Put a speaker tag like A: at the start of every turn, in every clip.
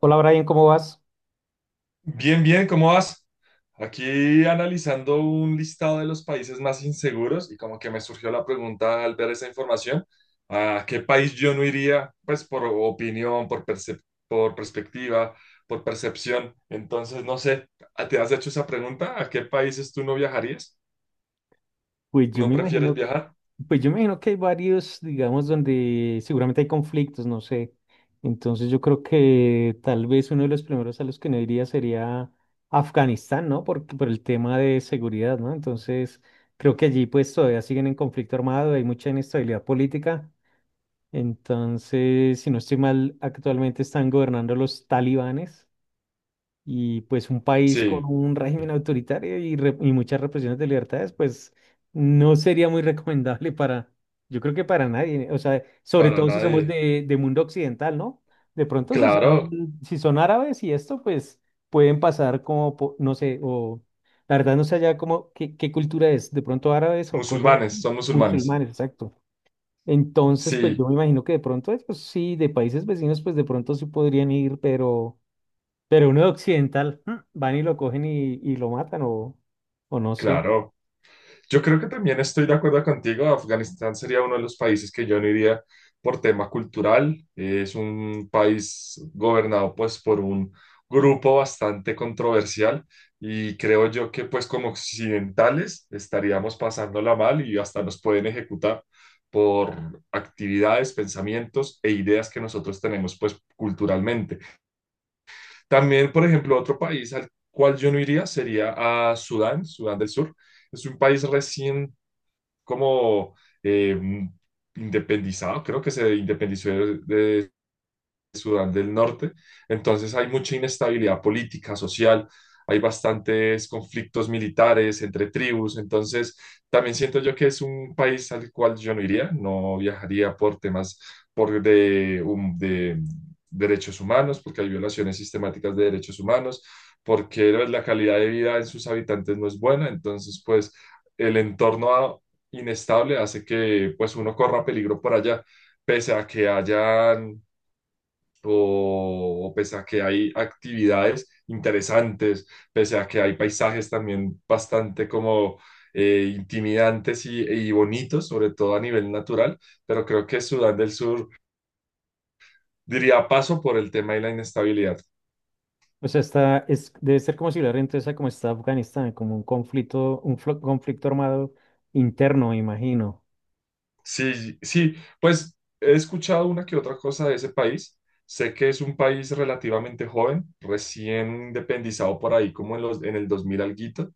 A: Hola Brian, ¿cómo vas?
B: Bien, bien, ¿cómo vas? Aquí analizando un listado de los países más inseguros y como que me surgió la pregunta al ver esa información, ¿a qué país yo no iría? Pues por opinión, por por perspectiva, por percepción. Entonces, no sé, ¿te has hecho esa pregunta? ¿A qué países tú no viajarías?
A: Pues yo
B: ¿No
A: me
B: prefieres
A: imagino que,
B: viajar?
A: pues yo me imagino que hay varios, digamos, donde seguramente hay conflictos, no sé. Entonces yo creo que tal vez uno de los primeros a los que no iría sería Afganistán, ¿no? Por el tema de seguridad, ¿no? Entonces creo que allí pues todavía siguen en conflicto armado, hay mucha inestabilidad política. Entonces, si no estoy mal, actualmente están gobernando los talibanes. Y pues un país con
B: Sí,
A: un régimen autoritario y muchas represiones de libertades, pues no sería muy recomendable para, yo creo que para nadie, o sea, sobre
B: para
A: todo si somos
B: nadie.
A: de mundo occidental, ¿no? De pronto si
B: Claro,
A: son, si son árabes y esto, pues pueden pasar como, no sé, o la verdad no sé allá como qué, qué cultura es, de pronto árabes o cosas
B: musulmanes,
A: así,
B: son musulmanes.
A: musulmanes, exacto. Entonces, pues yo
B: Sí,
A: me imagino que de pronto, pues sí, de países vecinos, pues de pronto sí podrían ir, pero... Pero uno de occidental, van y lo cogen y lo matan o no sé.
B: claro. Yo creo que también estoy de acuerdo contigo. Afganistán sería uno de los países que yo no iría por tema cultural. Es un país gobernado pues por un grupo bastante controversial y creo yo que pues como occidentales estaríamos pasándola mal y hasta nos pueden ejecutar por actividades, pensamientos e ideas que nosotros tenemos pues culturalmente. También, por ejemplo, otro país al cual yo no iría sería a Sudán, Sudán del Sur. Es un país recién como eh, independizado, creo que se independizó de Sudán del Norte. Entonces hay mucha inestabilidad política, social, hay bastantes conflictos militares entre tribus. Entonces también siento yo que es un país al cual yo no iría, no viajaría por temas de derechos humanos, porque hay violaciones sistemáticas de derechos humanos, porque la calidad de vida en sus habitantes no es buena. Entonces, pues el entorno inestable hace que pues uno corra peligro por allá pese a que haya o pese a que hay actividades interesantes, pese a que hay paisajes también bastante como intimidantes y bonitos, sobre todo a nivel natural, pero creo que Sudán del Sur diría paso por el tema de la inestabilidad.
A: O sea, está, es, debe ser como similar entonces a como está Afganistán, como un conflicto, conflicto armado interno, me imagino.
B: Sí, sí, pues he escuchado una que otra cosa de ese país. Sé que es un país relativamente joven, recién independizado por ahí como en los, en el 2000 alguito,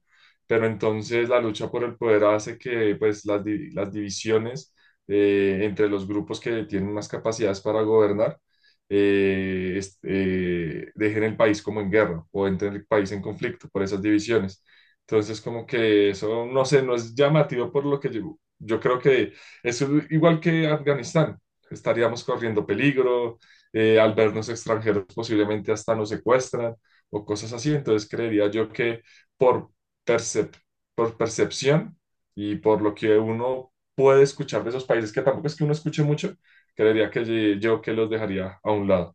B: pero entonces la lucha por el poder hace que pues las, las divisiones entre los grupos que tienen más capacidades para gobernar dejen el país como en guerra o entren el país en conflicto por esas divisiones. Entonces como que eso, no sé, no es llamativo por lo que yo creo que es igual que Afganistán. Estaríamos corriendo peligro, al vernos extranjeros posiblemente hasta nos secuestran o cosas así. Entonces creería yo que por, percep- por percepción y por lo que uno puede escuchar de esos países, que tampoco es que uno escuche mucho, creería que ye- yo que los dejaría a un lado.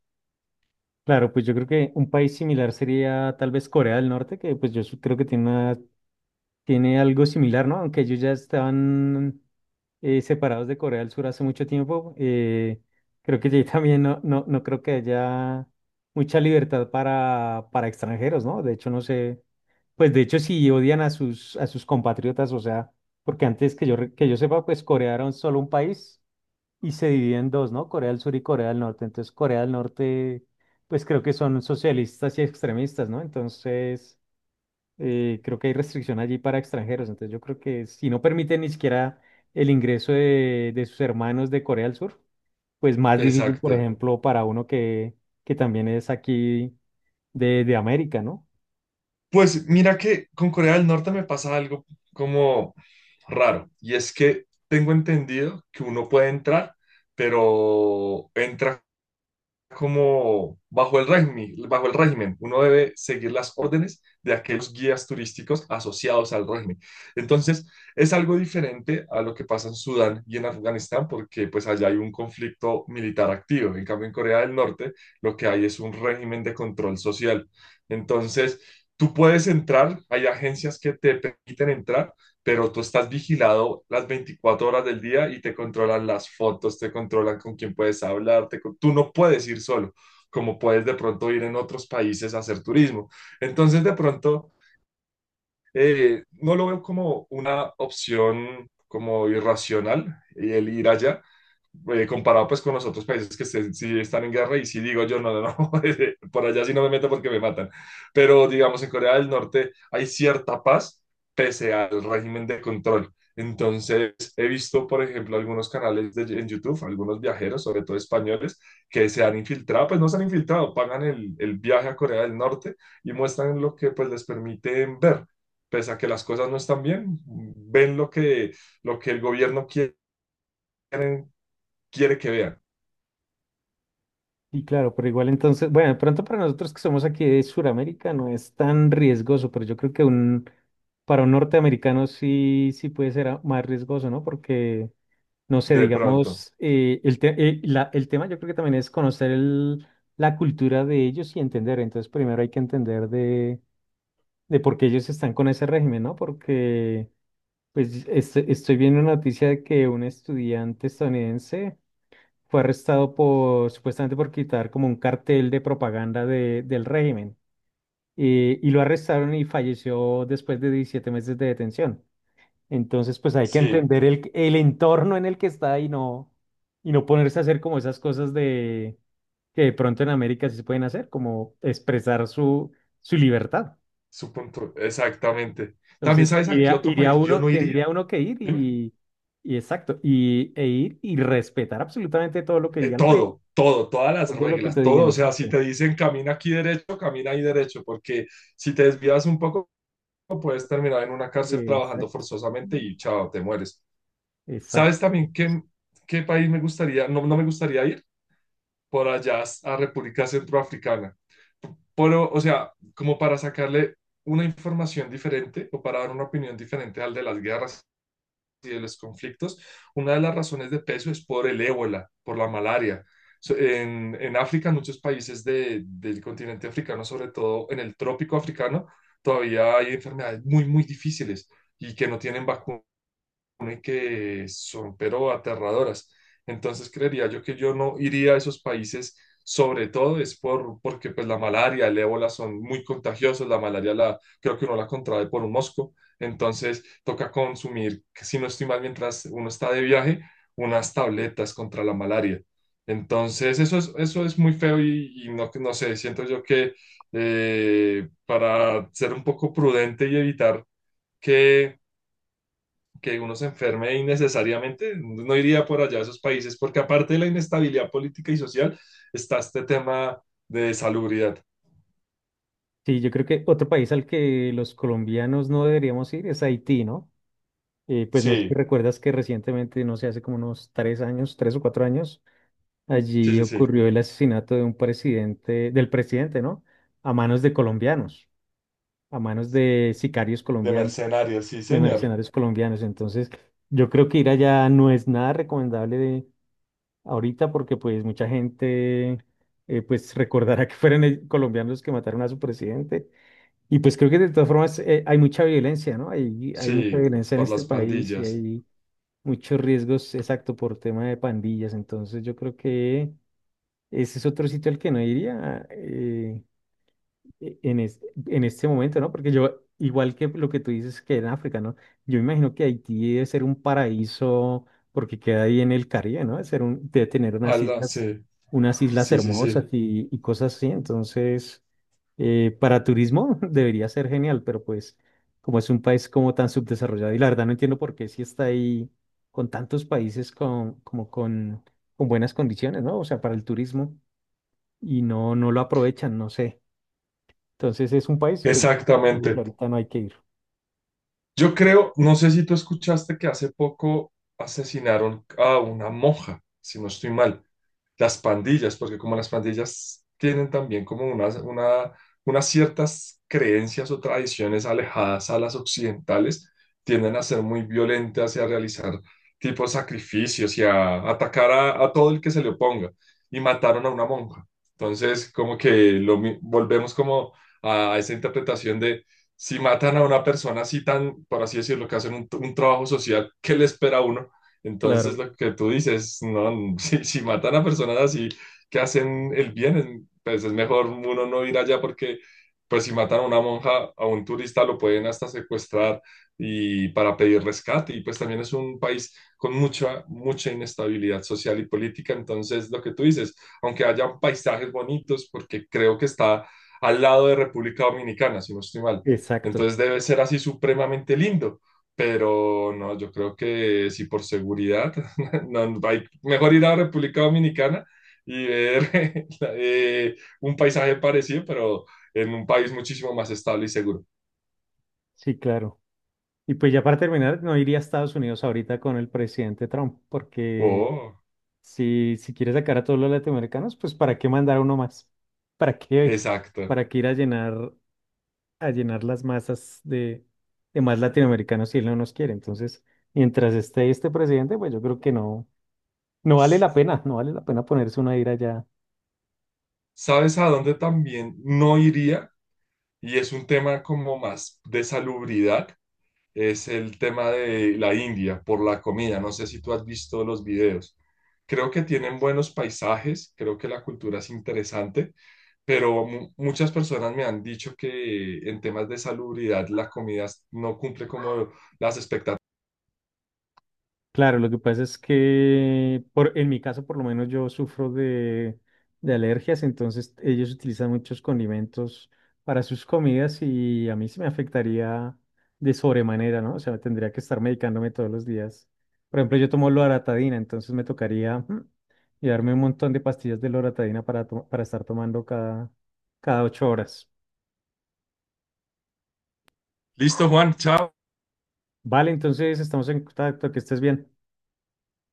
A: Claro, pues yo creo que un país similar sería tal vez Corea del Norte, que pues creo que tiene una. Tiene algo similar, ¿no? Aunque ellos ya estaban separados de Corea del Sur hace mucho tiempo. Creo que allí también no creo que haya mucha libertad para extranjeros, ¿no? De hecho, no sé, pues de hecho sí odian a sus compatriotas, o sea, porque antes que yo sepa, pues Corea era solo un país y se divide en dos, ¿no? Corea del Sur y Corea del Norte. Entonces, Corea del Norte, pues creo que son socialistas y extremistas, ¿no? Entonces creo que hay restricción allí para extranjeros, entonces yo creo que si no permiten ni siquiera el ingreso de sus hermanos de Corea del Sur, pues más difícil, por
B: Exacto.
A: ejemplo, para uno que también es aquí de América, ¿no?
B: Pues mira que con Corea del Norte me pasa algo como raro, y es que tengo entendido que uno puede entrar, pero entra como bajo el régimen, uno debe seguir las órdenes de aquellos guías turísticos asociados al régimen. Entonces, es algo diferente a lo que pasa en Sudán y en Afganistán, porque pues allá hay un conflicto militar activo. En cambio, en Corea del Norte, lo que hay es un régimen de control social. Entonces, tú puedes entrar, hay agencias que te permiten entrar, pero tú estás vigilado las 24 horas del día y te controlan las fotos, te controlan con quién puedes hablar, tú no puedes ir solo, como puedes de pronto ir en otros países a hacer turismo. Entonces, de pronto, no lo veo como una opción como irracional el ir allá, comparado pues con los otros países que sí están en guerra y sí digo yo, no, no, no, por allá sí no me meto porque me matan. Pero digamos, en Corea del Norte hay cierta paz pese al régimen de control. Entonces, he visto, por ejemplo, algunos canales en YouTube, algunos viajeros, sobre todo españoles, que se han infiltrado, pues no se han infiltrado, pagan el viaje a Corea del Norte y muestran lo que pues les permiten ver. Pese a que las cosas no están bien, ven lo que el gobierno quiere, que vean.
A: Y claro, pero igual entonces, bueno, de pronto para nosotros que somos aquí de Sudamérica no es tan riesgoso, pero yo creo que un, para un norteamericano sí, sí puede ser más riesgoso, ¿no? Porque no sé,
B: De pronto,
A: digamos, el tema yo creo que también es conocer la cultura de ellos y entender. Entonces, primero hay que entender de por qué ellos están con ese régimen, ¿no? Porque, pues, estoy viendo una noticia de que un estudiante estadounidense fue arrestado por, supuestamente por quitar como un cartel de propaganda del régimen. Y lo arrestaron y falleció después de 17 meses de detención. Entonces, pues hay que
B: sí,
A: entender el entorno en el que está y no ponerse a hacer como esas cosas de que de pronto en América sí se pueden hacer, como expresar su, su libertad.
B: su punto, exactamente. También
A: Entonces,
B: sabes a qué otro país yo no iría.
A: tendría uno que ir
B: Dime.
A: y exacto, y, e ir y respetar absolutamente todo lo que diga el rey,
B: Todo, todo, todas las
A: todo lo que te
B: reglas, todo.
A: digan,
B: O sea, si
A: exacto.
B: te dicen camina aquí derecho, camina ahí derecho, porque si te desvías un poco, puedes terminar en una cárcel trabajando
A: Exacto,
B: forzosamente y chao, te mueres.
A: exacto.
B: ¿Sabes también qué país me gustaría, no, no me gustaría ir? Por allá a República Centroafricana. Pero, o sea, como para sacarle una información diferente o para dar una opinión diferente al de las guerras y de los conflictos, una de las razones de peso es por el ébola, por la malaria. En África, en muchos países del continente africano, sobre todo en el trópico africano, todavía hay enfermedades muy, muy difíciles y que no tienen vacuna supone que son, pero aterradoras. Entonces creería yo que yo no iría a esos países, sobre todo es porque pues la malaria, el ébola son muy contagiosos, la malaria la, creo que uno la contrae por un mosco, entonces toca consumir, si no estoy mal, mientras uno está de viaje, unas tabletas contra la malaria. Entonces eso es muy feo y no, no sé, siento yo que para ser un poco prudente y evitar que que uno se enferme innecesariamente, no iría por allá a esos países, porque aparte de la inestabilidad política y social, está este tema de salubridad.
A: Sí, yo creo que otro país al que los colombianos no deberíamos ir es Haití, ¿no? Pues no sé si
B: Sí,
A: recuerdas que recientemente, no sé, hace como unos 3 años, 3 o 4 años,
B: sí,
A: allí
B: sí, sí.
A: ocurrió el asesinato de un presidente, del presidente, ¿no? A manos de colombianos, a manos de sicarios
B: De
A: colombianos,
B: mercenarios, sí,
A: de
B: señor.
A: mercenarios colombianos. Entonces, yo creo que ir allá no es nada recomendable de ahorita porque pues mucha gente pues recordará que fueron colombianos los que mataron a su presidente. Y pues creo que de todas formas hay mucha violencia, ¿no? Hay mucha
B: Sí,
A: violencia en
B: por
A: este
B: las
A: país y
B: pandillas.
A: hay muchos riesgos, exacto, por tema de pandillas. Entonces yo creo que ese es otro sitio al que no iría. E- en, es- en este momento, ¿no? Porque yo, igual que lo que tú dices que en África, ¿no? Yo imagino que Haití debe ser un paraíso porque queda ahí en el Caribe, ¿no? Debe ser un, debe tener
B: Ala, sí,
A: unas islas
B: sí, sí,
A: hermosas
B: sí.
A: y cosas así. Entonces, para turismo debería ser genial, pero pues como es un país como tan subdesarrollado y la verdad no entiendo por qué si está ahí con tantos países con, como con buenas condiciones, ¿no? O sea, para el turismo y no, no lo aprovechan, no sé. Entonces es un país, pues el
B: Exactamente.
A: planeta no hay que ir.
B: Yo creo, no sé si tú escuchaste que hace poco asesinaron a una monja, si no estoy mal. Las pandillas, porque como las pandillas tienen también como unas ciertas creencias o tradiciones alejadas a las occidentales, tienden a ser muy violentas y a realizar tipo sacrificios y a atacar a todo el que se le oponga. Y mataron a una monja. Entonces, como que volvemos como a, esa interpretación de si matan a una persona así tan, por así decirlo, que hacen un trabajo social, ¿qué le espera a uno? Entonces,
A: Claro,
B: lo que tú dices, no, si matan a personas así que hacen el bien, pues es mejor uno no ir allá porque, pues si matan a una monja, a un turista, lo pueden hasta secuestrar y para pedir rescate. Y pues también es un país con mucha, mucha inestabilidad social y política. Entonces, lo que tú dices, aunque hayan paisajes bonitos, porque creo que está al lado de República Dominicana, si no estoy mal.
A: exacto.
B: Entonces debe ser así supremamente lindo. Pero no, yo creo que sí por seguridad, no, hay, mejor ir a República Dominicana y ver un paisaje parecido, pero en un país muchísimo más estable y seguro.
A: Sí, claro. Y pues ya para terminar, no iría a Estados Unidos ahorita con el presidente Trump, porque
B: Oh,
A: si, si quiere sacar a todos los latinoamericanos, pues ¿para qué mandar a uno más? ¿Para qué?
B: exacto.
A: ¿Para qué ir a llenar las masas de más latinoamericanos si él no nos quiere? Entonces, mientras esté este presidente, pues yo creo que no, no vale
B: S-
A: la pena, no vale la pena ponerse una ira allá.
B: ¿Sabes a dónde también no iría? Y es un tema como más de salubridad, es el tema de la India por la comida. No sé si tú has visto los videos. Creo que tienen buenos paisajes, creo que la cultura es interesante pero muchas personas me han dicho que en temas de salubridad la comida no cumple como las expectativas.
A: Claro, lo que pasa es que por, en mi caso por lo menos yo sufro de alergias, entonces ellos utilizan muchos condimentos para sus comidas y a mí se me afectaría de sobremanera, ¿no? O sea, tendría que estar medicándome todos los días. Por ejemplo, yo tomo loratadina, entonces me tocaría llevarme un montón de pastillas de loratadina para, para estar tomando cada, cada 8 horas.
B: Listo, Juan, chao.
A: Vale, entonces estamos en contacto, que estés bien.